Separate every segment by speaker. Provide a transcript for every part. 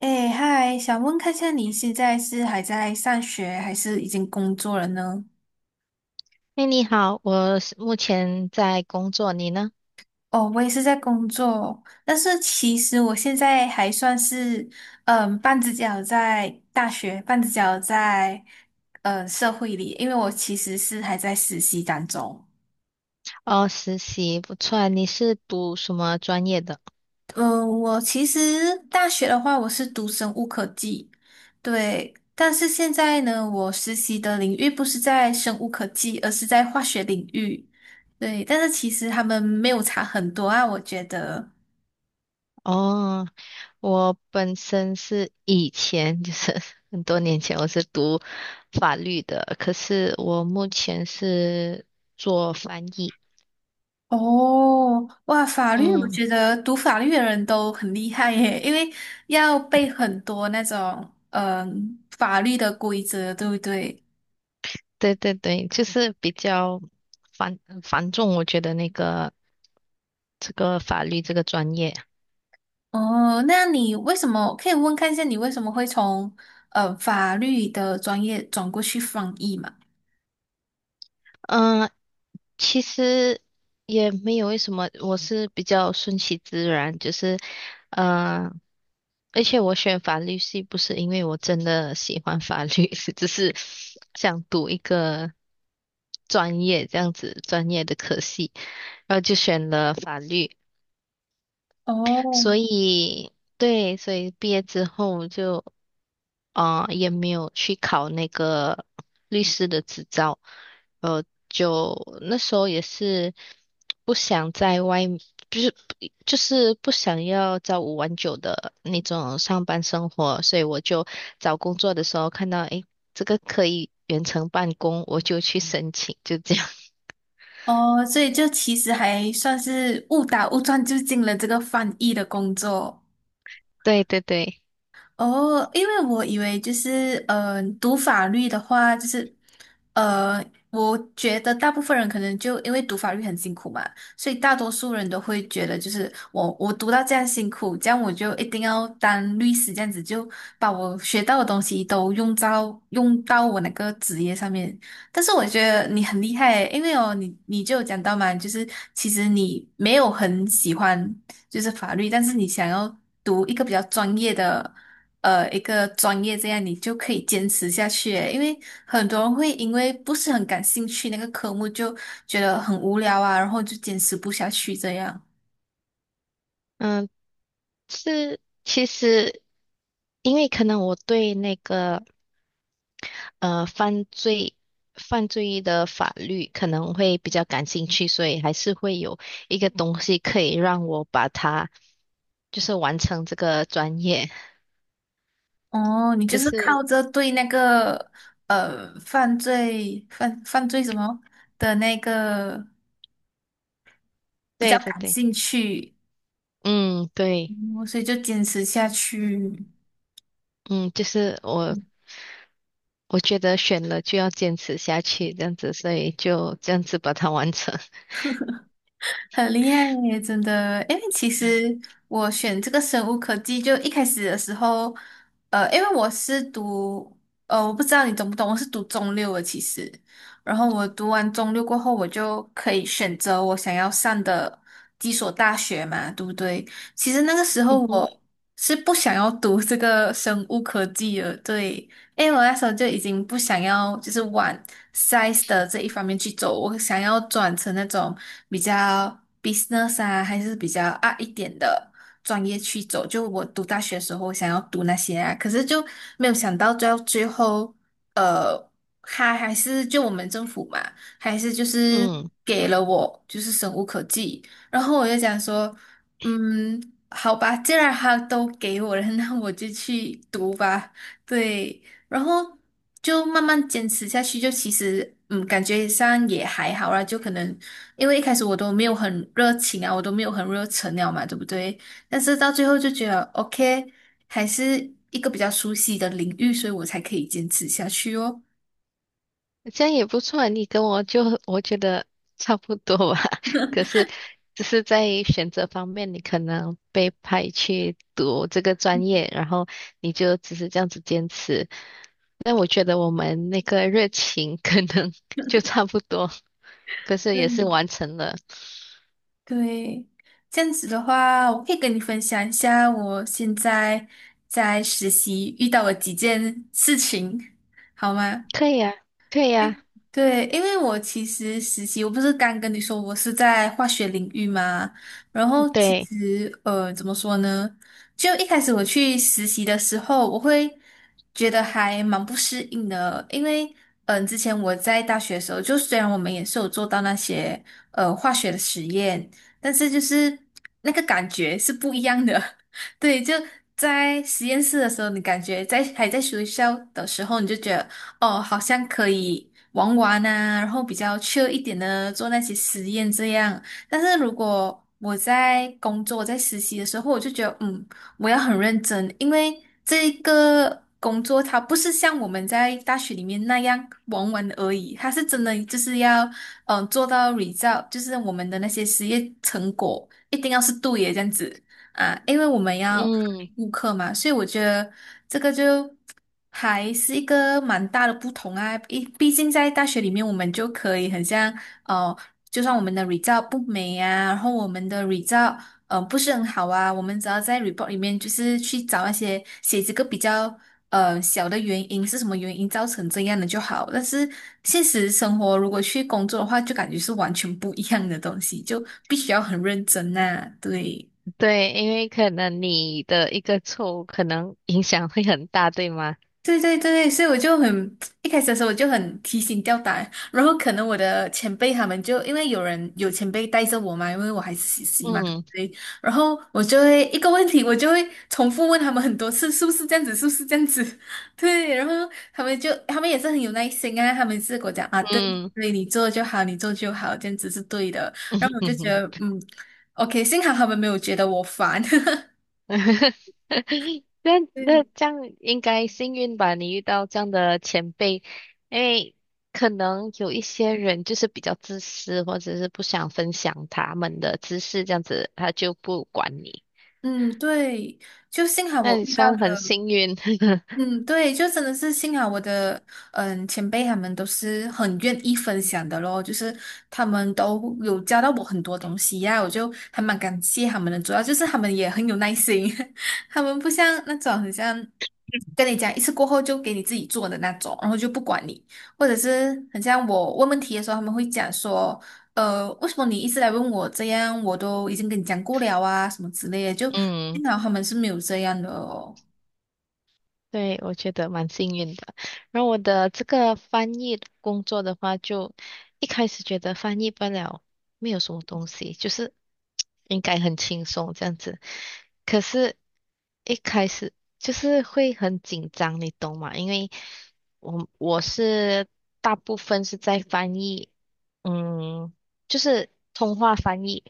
Speaker 1: 哎，嗨，想问看一下你现在是还在上学，还是已经工作了呢？
Speaker 2: 哎，你好，我是目前在工作，你呢？
Speaker 1: 哦，我也是在工作，但是其实我现在还算是，嗯，半只脚在大学，半只脚在，社会里，因为我其实是还在实习当中。
Speaker 2: 哦，实习，不错啊你是读什么专业的？
Speaker 1: 嗯，我其实大学的话，我是读生物科技，对。但是现在呢，我实习的领域不是在生物科技，而是在化学领域。对，但是其实他们没有差很多啊，我觉得。
Speaker 2: 哦，我本身是以前就是 很多年前我是读法律的，可是我目前是做翻译。
Speaker 1: 哦，哇，法律，我
Speaker 2: 嗯，
Speaker 1: 觉得读法律的人都很厉害耶，因为要背很多那种法律的规则，对不对？
Speaker 2: 对对对，就是比较繁繁重，我觉得这个法律这个专业。
Speaker 1: 哦，那你为什么可以问看一下你为什么会从法律的专业转过去翻译嘛？
Speaker 2: 嗯，其实也没有为什么，我是比较顺其自然，就是，嗯、而且我选法律系不是因为我真的喜欢法律，是只是想读一个专业这样子专业的科系，然后就选了法律，
Speaker 1: 哦
Speaker 2: 所以对，所以毕业之后就。也没有去考那个律师的执照，呃，就那时候也是不想在外面，就是就是不想要朝五晚九的那种上班生活，所以我就找工作的时候看到，诶，这个可以远程办公，我就去申请，就这样。
Speaker 1: 哦，所以就其实还算是误打误撞就进了这个翻译的工作。
Speaker 2: 对对对，
Speaker 1: 哦，因为我以为就是，读法律的话，就是，呃，我觉得大部分人可能就因为读法律很辛苦嘛，所以大多数人都会觉得，就是我读到这样辛苦，这样我就一定要当律师，这样子就把我学到的东西都用到我那个职业上面。但是我觉得你很厉害，因为哦，你就有讲到嘛，就是其实你没有很喜欢就是法律，但是你想要读一个比较专业的。一个专业，这样你就可以坚持下去诶因为很多人会因为不是很感兴趣那个科目，就觉得很无聊啊，然后就坚持不下去这样。
Speaker 2: 嗯，是其实因为可能我对那个。犯罪的法律可能会比较感兴趣，所以还是会有一个东西可以让我把它就是完成这个专业。
Speaker 1: 哦，你就
Speaker 2: 可
Speaker 1: 是
Speaker 2: 是，
Speaker 1: 靠着对那个犯罪什么的那个比较
Speaker 2: 对对
Speaker 1: 感
Speaker 2: 对，
Speaker 1: 兴趣，
Speaker 2: 嗯，对，
Speaker 1: 嗯所以就坚持下去。
Speaker 2: 嗯，就是我觉得选了就要坚持下去，这样子，所以就这样子把它完成。
Speaker 1: 很厉害耶，真的。因为其实我选这个生物科技，就一开始的时候，因为我是读，我不知道你懂不懂，我是读中六的，其实。然后我读完中六过后，我就可以选择我想要上的几所大学嘛，对不对？其实那个时候
Speaker 2: 嗯哼，
Speaker 1: 我是不想要读这个生物科技的，对。因为我那时候就已经不想要，就是往 size 的这一方面去走，我想要转成那种比较 business 啊，还是比较啊一点的专业去走。就我读大学的时候，我想要读那些啊，可是就没有想到，到最后，呃，他还是就我们政府嘛，还是就是
Speaker 2: 嗯，
Speaker 1: 给了我就是生无可技，然后我就想说。嗯，好吧，既然他都给我了，那我就去读吧。对，然后就慢慢坚持下去，就其实嗯，感觉上也还好啦。就可能因为一开始我都没有很热情啊，我都没有很热忱了嘛，对不对？但是到最后就觉得 OK，还是一个比较熟悉的领域，所以我才可以坚持下去哦。
Speaker 2: 这样也不错啊。你跟我就我觉得差不多吧，可是只是在选择方面，你可能被派去读这个专业，然后你就只是这样子坚持。但我觉得我们那个热情可能 就差不多，可是也是
Speaker 1: 嗯，
Speaker 2: 完成了。
Speaker 1: 对，这样子的话，我可以跟你分享一下我现在在实习遇到的几件事情，好吗？
Speaker 2: 可以啊，可以啊，
Speaker 1: 对，因为我其实实习，我不是刚跟你说我是在化学领域嘛，然后其
Speaker 2: 对，
Speaker 1: 实怎么说呢？就一开始我去实习的时候，我会觉得还蛮不适应的，因为之前我在大学的时候，就虽然我们也是有做到那些化学的实验，但是就是那个感觉是不一样的。对，就在实验室的时候，你感觉在还在学校的时候，你就觉得。哦，好像可以玩玩啊，然后比较 c 一点的做那些实验这样。但是如果我在工作、在实习的时候，我就觉得，嗯，我要很认真，因为这个工作它不是像我们在大学里面那样玩玩而已，它是真的就是要，嗯，做到 result，就是我们的那些实验成果一定要是对的这样子啊，因为我们要
Speaker 2: 嗯，
Speaker 1: 顾客嘛，所以我觉得这个就还是一个蛮大的不同啊。毕竟在大学里面，我们就可以很像哦，就算我们的 result 不美啊，然后我们的 result 不是很好啊，我们只要在 report 里面就是去找那些写这个比较小的原因是什么原因造成这样的就好。但是现实生活如果去工作的话，就感觉是完全不一样的东西，就必须要很认真呐、对。
Speaker 2: 对，因为可能你的一个错误可能影响会很大，对吗？
Speaker 1: 对对对，所以我就很 一开始的时候我就很提心吊胆，然后可能我的前辈他们就因为有人有前辈带着我嘛，因为我还是实习嘛，对不
Speaker 2: 嗯
Speaker 1: 对？然后我就会一个问题，我就会重复问他们很多次，是不是这样子，是不是这样子？对，然后他们也是很有耐心啊，他们是跟我讲啊，对
Speaker 2: 嗯，
Speaker 1: 对，你做就好，你做就好，这样子是对的。然后我就觉得 嗯，OK，幸好他们没有觉得我烦。
Speaker 2: 那
Speaker 1: 对，
Speaker 2: 这样应该幸运吧？你遇到这样的前辈，因为可能有一些人就是比较自私，或者是不想分享他们的知识，这样子他就不管你。
Speaker 1: 嗯，对，就幸好
Speaker 2: 那
Speaker 1: 我
Speaker 2: 你
Speaker 1: 遇到
Speaker 2: 算很
Speaker 1: 了。
Speaker 2: 幸运，
Speaker 1: 嗯，对，就真的是幸好我的嗯前辈他们都是很愿意分享的咯，就是他们都有教到我很多东西呀、我就还蛮感谢他们的，主要就是他们也很有耐心，他们不像那种很像跟你讲一次过后就给你自己做的那种，然后就不管你，或者是很像我问问题的时候，他们会讲说，为什么你一直来问我这样，我都已经跟你讲过了啊，什么之类的，就
Speaker 2: 嗯
Speaker 1: 幸好他们是没有这样的哦。
Speaker 2: 对，我觉得蛮幸运的。然后我的这个翻译工作的话，就一开始觉得翻译不了，没有什么东西，就是 应该很轻松这样子。可是，一开始就是会很紧张，你懂吗？因为我是大部分是在翻译，嗯，就是通话翻译，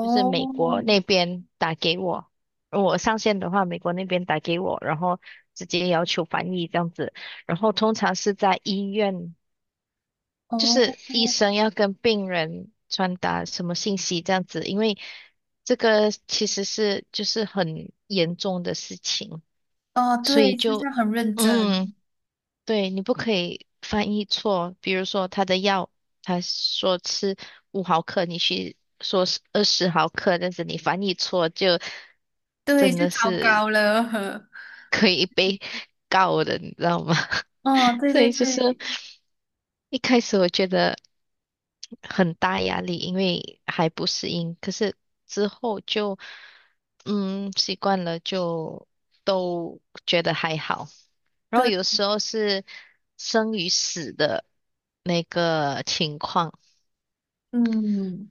Speaker 2: 就是美国那边打给我。我上线的话，美国那边打给我，然后直接要求翻译这样子。然后通常是在医院，就
Speaker 1: 哦，
Speaker 2: 是医生要跟病人传达什么信息这样子，因为这个其实是就是很严重的事情，
Speaker 1: 哦，
Speaker 2: 所
Speaker 1: 对，
Speaker 2: 以
Speaker 1: 就是
Speaker 2: 就
Speaker 1: 他很认
Speaker 2: 嗯，
Speaker 1: 真，
Speaker 2: 对，你不可以翻译错。比如说他的药，他说吃5毫克，你去说是20毫克，但是你翻译错就
Speaker 1: 对，
Speaker 2: 真
Speaker 1: 就
Speaker 2: 的
Speaker 1: 糟
Speaker 2: 是。
Speaker 1: 糕了。
Speaker 2: 可以被告的，你知道吗？
Speaker 1: 哦，对
Speaker 2: 所
Speaker 1: 对
Speaker 2: 以就是
Speaker 1: 对
Speaker 2: 一开始我觉得很大压力，因为还不适应，可是之后就嗯习惯了，就都觉得还好。然后
Speaker 1: 对，
Speaker 2: 有时候是生与死的那个情况，
Speaker 1: 嗯，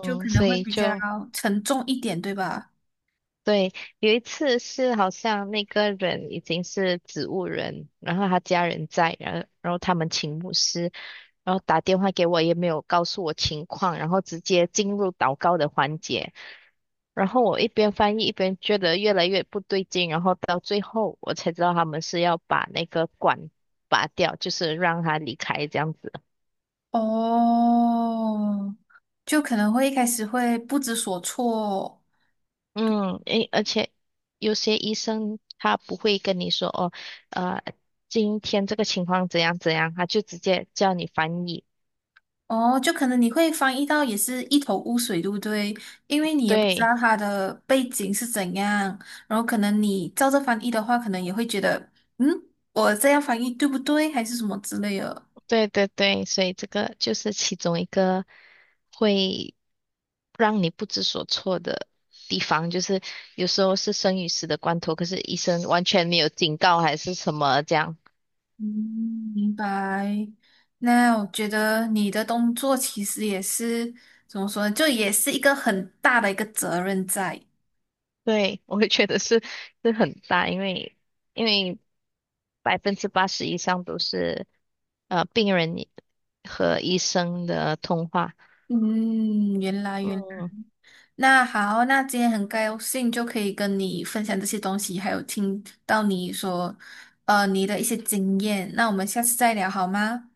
Speaker 1: 就可能
Speaker 2: 所
Speaker 1: 会
Speaker 2: 以
Speaker 1: 比较
Speaker 2: 就
Speaker 1: 沉重一点，对吧？
Speaker 2: 对，有一次是好像那个人已经是植物人，然后他家人在，然后他们请牧师，然后打电话给我，也没有告诉我情况，然后直接进入祷告的环节，然后我一边翻译一边觉得越来越不对劲，然后到最后我才知道他们是要把那个管拔掉，就是让他离开这样子。
Speaker 1: 哦，就可能会一开始会不知所措，
Speaker 2: 嗯，诶，而且有些医生他不会跟你说哦，呃，今天这个情况怎样怎样，他就直接叫你翻译。
Speaker 1: 哦，就可能你会翻译到也是一头雾水，对不对？因为你也不知
Speaker 2: 对，
Speaker 1: 道它的背景是怎样，然后可能你照着翻译的话，可能也会觉得，嗯，我这样翻译对不对，还是什么之类的。
Speaker 2: 对对对，所以这个就是其中一个会让你不知所措的地方，就是有时候是生与死的关头，可是医生完全没有警告还是什么这样。
Speaker 1: 嗯，明白。那我觉得你的工作其实也是怎么说呢，就也是一个很大的一个责任在。
Speaker 2: 对，我会觉得是很大，因为因为80%以上都是病人，和医生的通话。
Speaker 1: 嗯，原来原来
Speaker 2: 嗯，
Speaker 1: 那好，那今天很高兴就可以跟你分享这些东西，还有听到你说，你的一些经验。那我们下次再聊好吗？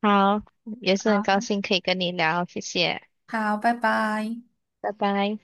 Speaker 2: 好，也是很高
Speaker 1: 好，
Speaker 2: 兴可以跟你聊，谢谢，
Speaker 1: 好，拜拜。
Speaker 2: 拜拜。